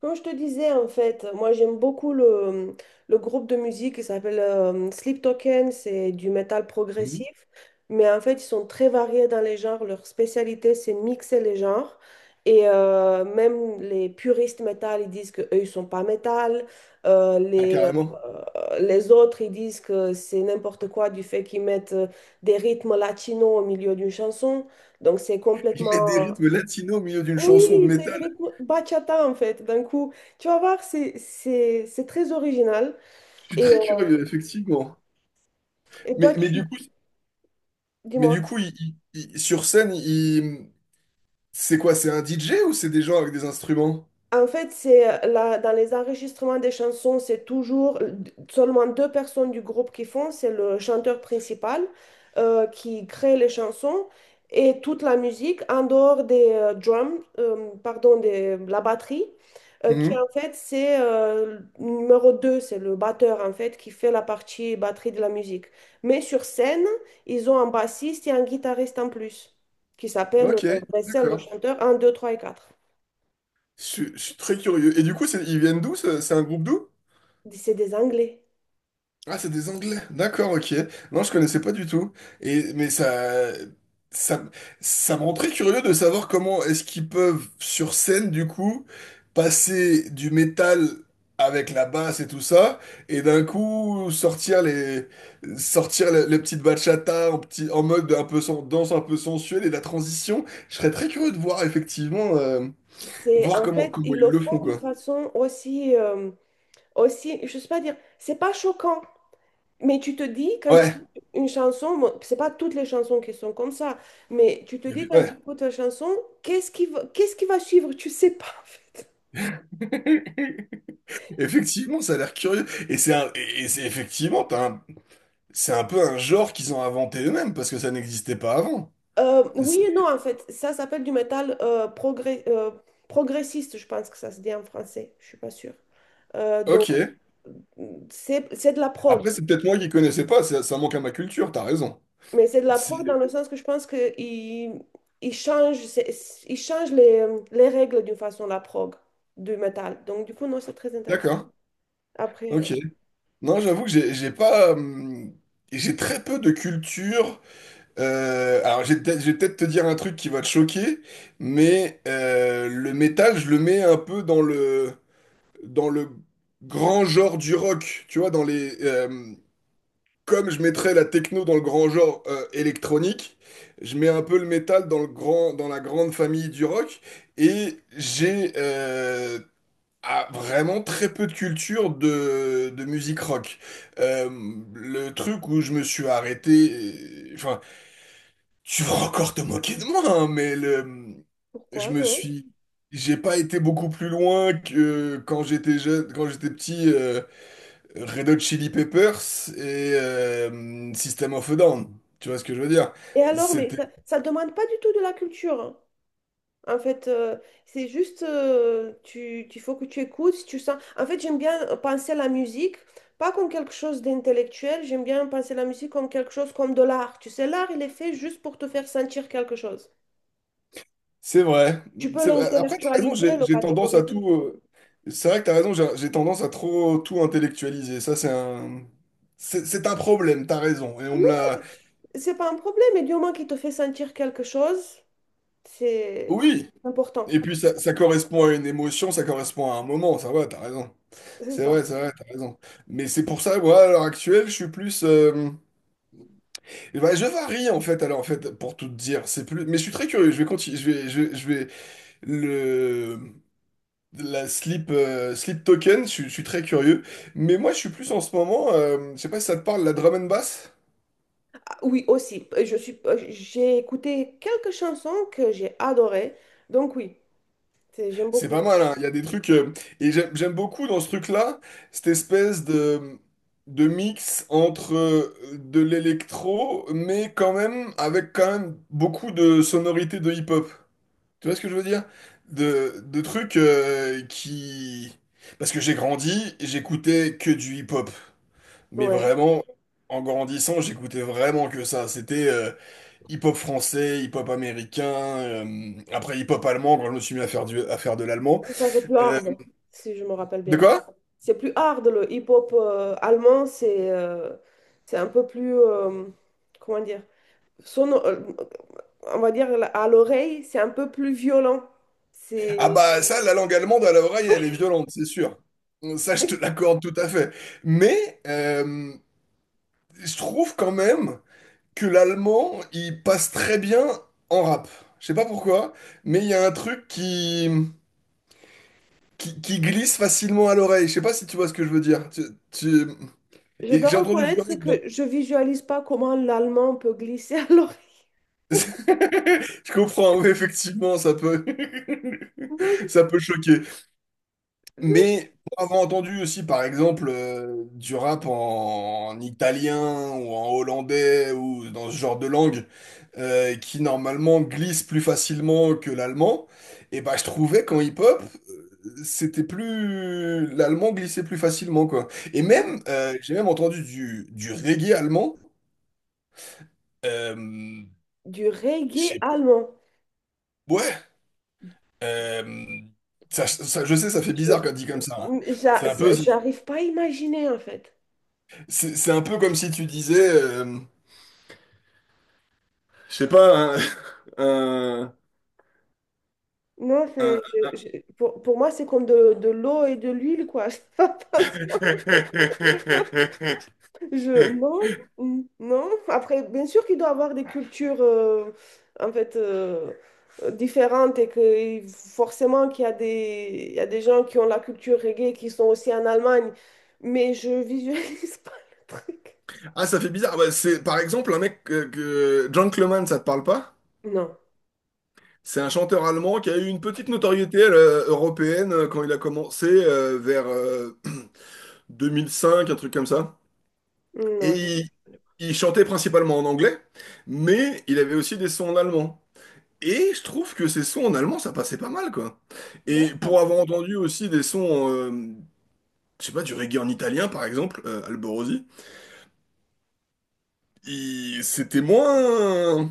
Comme je te disais, en fait, moi j'aime beaucoup le groupe de musique qui s'appelle Sleep Token, c'est du métal Mhm. progressif, mais en fait ils sont très variés dans les genres, leur spécialité c'est mixer les genres, et même les puristes métal, ils disent qu'eux ils sont pas métal. Euh, Ah, les, carrément. Les autres ils disent que c'est n'importe quoi du fait qu'ils mettent des rythmes latinos au milieu d'une chanson, donc c'est Ils complètement mettent des rythmes latinos au milieu d'une oui, chanson de c'est des métal. rythmes bachata en fait. D'un coup, tu vas voir, c'est très original. Je suis Et, très euh, curieux, effectivement. et Mais, toi, mais tu... du coup, mais Dis-moi. du coup il- sur scène, c'est quoi? C'est un DJ ou c'est des gens avec des instruments? En fait, c'est là, dans les enregistrements des chansons, c'est toujours seulement deux personnes du groupe qui font. C'est le chanteur principal qui crée les chansons et toute la musique en dehors des drums, pardon, de la batterie, qui Mhm. en fait c'est numéro 2, c'est le batteur en fait qui fait la partie batterie de la musique. Mais sur scène, ils ont un bassiste et un guitariste en plus qui s'appelle Ok, Vessel, le d'accord. chanteur un, 2, 3 et 4. Je suis très curieux. Et du coup, ils viennent d'où? C'est un groupe d'où? C'est des Anglais. Ah, c'est des Anglais. D'accord, ok. Non, je connaissais pas du tout. Et mais ça, ça me rend très curieux de savoir comment est-ce qu'ils peuvent sur scène du coup passer du métal avec la basse et tout ça, et d'un coup sortir les petites bachata en petit, en mode un peu danse un peu sensuelle et la transition. Je serais très curieux de voir effectivement, C'est voir en comment fait, comment ils ils le le font font d'une quoi. façon aussi, je sais pas dire, c'est pas choquant, mais tu te dis quand tu Ouais. une chanson, bon, c'est pas toutes les chansons qui sont comme ça, mais tu te dis quand Ouais. tu écoutes la chanson, qu'est-ce qui va suivre? Tu sais pas en fait. Effectivement, ça a l'air curieux. Et c'est effectivement, c'est un peu un genre qu'ils ont inventé eux-mêmes parce que ça n'existait pas avant. C'est- Oui et non en fait, ça s'appelle du métal progressiste, je pense que ça se dit en français, je suis pas sûre. Donc Ok. c'est de la prog. Après, c'est peut-être moi qui connaissais pas, ça manque à ma culture, t'as raison. Mais c'est de la C'est- preuve dans le sens que je pense qu'ils ils changent, ils changent les règles d'une façon, la prog du métal. Donc, du coup, non, c'est très intéressant. D'accord. Après, Ok. Non, j'avoue que j'ai pas. J'ai très peu de culture. Alors, je vais peut-être te dire un truc qui va te choquer, mais le métal, je le mets un peu dans le grand genre du rock, tu vois, dans les. Comme je mettrais la techno dans le grand genre électronique, je mets un peu le métal dans le grand, dans la grande famille du rock, et j'ai vraiment très peu de culture de musique rock. Euh, le truc où je me suis arrêté, enfin, tu vas encore te moquer de moi, hein, mais le, je pourquoi, me non? suis, j'ai pas été beaucoup plus loin que quand j'étais jeune, quand j'étais petit. Red Hot Chili Peppers et System of a Down. Tu vois ce que je veux dire? Et alors, mais C'était, ça demande pas du tout de la culture, hein. En fait, c'est juste, tu faut que tu écoutes, si tu sens. En fait, j'aime bien penser à la musique, pas comme quelque chose d'intellectuel, j'aime bien penser à la musique comme quelque chose comme de l'art. Tu sais, l'art, il est fait juste pour te faire sentir quelque chose. c'est vrai. Tu peux C'est vrai. Après, t'as raison, l'intellectualiser, j'ai le j'ai tendance à catégoriser. tout. C'est vrai que t'as raison, j'ai tendance à trop tout intellectualiser. Ça, c'est un problème, t'as raison. Et Mais on me non, l'a. c'est pas un problème, mais du moment qu'il te fait sentir quelque chose, c'est Oui! important. Et puis ça correspond à une émotion, ça correspond à un moment, ça va, t'as raison. C'est ça. C'est vrai, t'as raison. Mais c'est pour ça, moi, à l'heure actuelle, je suis plus. Eh ben, je varie en fait, alors en fait, pour tout te dire, c'est plus. Mais je suis très curieux. Je vais continuer. Je vais le la slip slip token. Je suis très curieux. Mais moi, je suis plus en ce moment. Je sais pas si ça te parle la drum and bass. Ah, oui, aussi. J'ai écouté quelques chansons que j'ai adorées, donc oui, j'aime C'est beaucoup. pas mal, hein. Il y a des trucs et j'aime beaucoup dans ce truc-là cette espèce de mix entre de l'électro, mais quand même avec quand même beaucoup de sonorités de hip-hop. Tu vois ce que je veux dire? De trucs qui... Parce que j'ai grandi, j'écoutais que du hip-hop. Mais Ouais. vraiment, en grandissant, j'écoutais vraiment que ça. C'était hip-hop français, hip-hop américain, après hip-hop allemand, quand je me suis mis à faire, à faire de l'allemand. Ça, c'est plus Euh, hard, si je me rappelle de bien. quoi? C'est plus hard, le hip-hop allemand, c'est un peu plus, comment dire, sono- euh, on va dire, à l'oreille, c'est un peu plus violent. Ah C'est, bah ça, la langue allemande à l'oreille, elle est violente, c'est sûr. Ça, je te l'accorde tout à fait. Mais je trouve quand même que l'allemand, il passe très bien en rap. Je sais pas pourquoi, mais il y a un truc qui glisse facilement à l'oreille. Je sais pas si tu vois ce que je veux dire. Tu- je Et dois j'ai entendu du rap reconnaître que je visualise pas comment l'allemand peut glisser à l'oreille. Je comprends, oui, effectivement, ça peut... Ça peut choquer. Mais pour avoir entendu aussi, par exemple, du rap en italien ou en hollandais ou dans ce genre de langue qui normalement glisse plus facilement que l'allemand, et bah je trouvais qu'en hip-hop, c'était plus l'allemand glissait plus facilement, quoi. Et Donc, hmm, même, j'ai même entendu du reggae allemand. Euh, du reggae j'ai- allemand. Ouais, euh, ça, je sais, ça fait bizarre quand dit comme ça, hein. Je, j'a- C'est un peu, J'arrive pas à imaginer, en fait. c'est un peu comme si tu disais... Je sais pas, un, un- Non, un- pour moi, c'est comme de l'eau et de l'huile, quoi. Ça passe pas. Je, non, mm, non. Après, bien sûr qu'il doit avoir des cultures en fait différentes et que forcément qu'il y a il y a des gens qui ont la culture reggae qui sont aussi en Allemagne, mais je visualise pas le truc. Ah, ça fait bizarre. Bah, c'est par exemple un mec que John Cleman, ça te parle pas? Non, C'est un chanteur allemand qui a eu une petite notoriété européenne quand il a commencé vers 2005, un truc comme ça. Et non, je- il chantait principalement en anglais, mais il avait aussi des sons en allemand. Et je trouve que ces sons en allemand, ça passait pas mal, quoi. Là. Et pour avoir entendu aussi des sons, je sais pas, du reggae en italien, par exemple, Alborosi. C'était moins,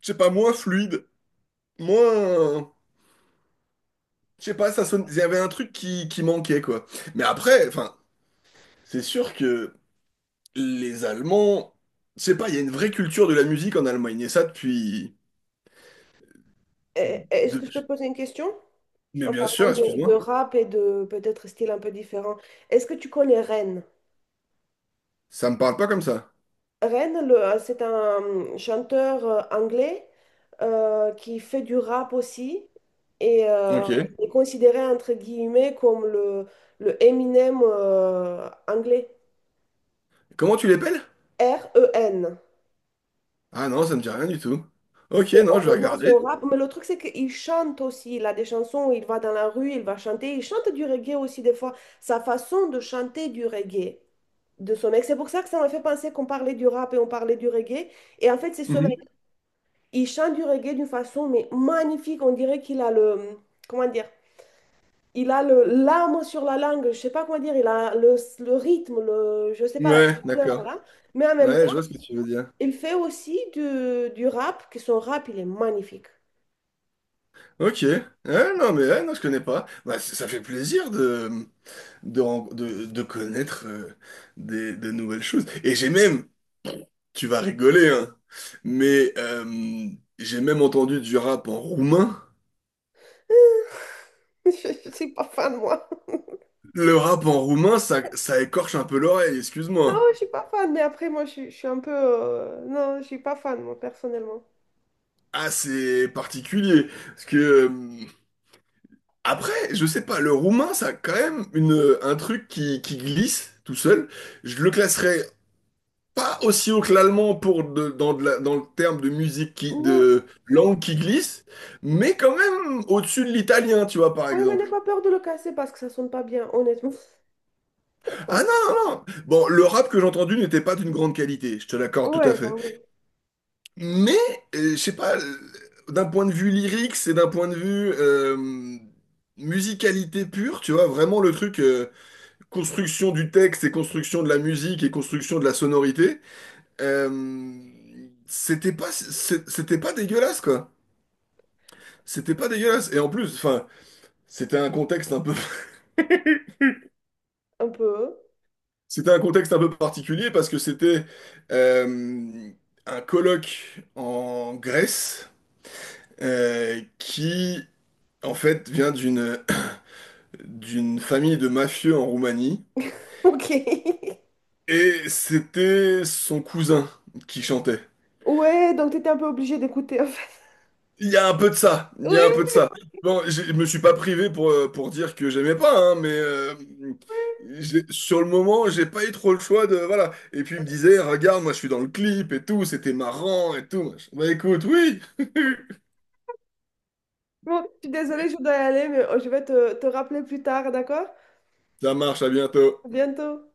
je sais pas, moins fluide, moins, je sais pas, ça sonne, il y avait un truc qui manquait, quoi. Mais après, enfin, c'est sûr que les Allemands, je sais pas, il y a une vraie culture de la musique en Allemagne, et ça depuis, Eh, eh, est-ce que je peux depuis... te poser une question Mais en bien sûr, parlant de excuse-moi, rap et de peut-être style un peu différent? Est-ce que tu connais Rennes? ça me parle pas comme ça. Ren, c'est un chanteur anglais qui fait du rap aussi et Ok. il est considéré entre guillemets comme le Eminem anglais. Comment tu l'appelles? REN. Ah non, ça me dit rien du tout. Ok, C'est non, je vais honnêtement son regarder. rap, mais le truc c'est qu'il chante aussi. Il a des chansons, où il va dans la rue, il va chanter. Il chante du reggae aussi des fois. Sa façon de chanter du reggae de ce mec. C'est pour ça que ça m'a fait penser qu'on parlait du rap et on parlait du reggae. Et en fait, c'est ce mec. Mhm. Il chante du reggae d'une façon mais magnifique. On dirait qu'il a le, comment dire, il a le l'âme sur la langue. Je sais pas comment dire. Il a le rythme, le, je sais pas la Ouais, chaleur d'accord. là. Mais en même temps, Ouais, je vois ce que tu veux dire. il fait aussi du rap. Que son rap, il est magnifique. Ok. Ouais, non, mais ouais, non, je connais pas. Bah, ça fait plaisir de de connaître des, de nouvelles choses. Et j'ai même, tu vas rigoler, hein, mais j'ai même entendu du rap en roumain. Je suis pas fan moi. Le rap en roumain, ça écorche un peu l'oreille, Non, excuse-moi. je suis pas fan. Mais après, moi, je suis un peu, non, je suis pas fan moi personnellement. Ah, c'est particulier. Parce que, après, je sais pas, le roumain, ça a quand même une, un truc qui glisse tout seul. Je le classerais pas aussi haut que l'allemand pour dans le terme de musique Non, de langue qui glisse, mais quand même au-dessus de l'italien, tu vois, par oui, mais n'aie exemple. pas peur de le casser parce que ça sonne pas bien, honnêtement. Ça Ah sonne- non, non, non. Bon, le rap que j'ai entendu n'était pas d'une grande qualité, je te pas. l'accorde tout à Ouais, bah fait. oui, Mais, je sais pas, d'un point de vue lyrique, c'est d'un point de vue musicalité pure, tu vois, vraiment le truc, construction du texte et construction de la musique et construction de la sonorité, euh, c'était pas, c'était pas dégueulasse, quoi. C'était pas dégueulasse. Et en plus, enfin, c'était un contexte un peu, un peu. c'était un contexte un peu particulier parce que c'était euh, un colloque en Grèce qui, en fait, vient d'une d'une famille de mafieux en Roumanie Ok. et c'était son cousin qui chantait. Ouais, donc tu étais un peu obligée d'écouter en fait. Il y a un peu de ça, il y a un peu de Oui. ça. Bon, je me suis pas privé pour dire que j'aimais pas, hein, mais sur le moment, j'ai pas eu trop le choix de... Voilà. Et puis il me disait, regarde, moi je suis dans le clip et tout, c'était marrant et tout. Bah écoute, oui, Bon, je suis désolée, je dois y aller, mais je vais te rappeler plus tard, d'accord? ça marche, à bientôt. À bientôt.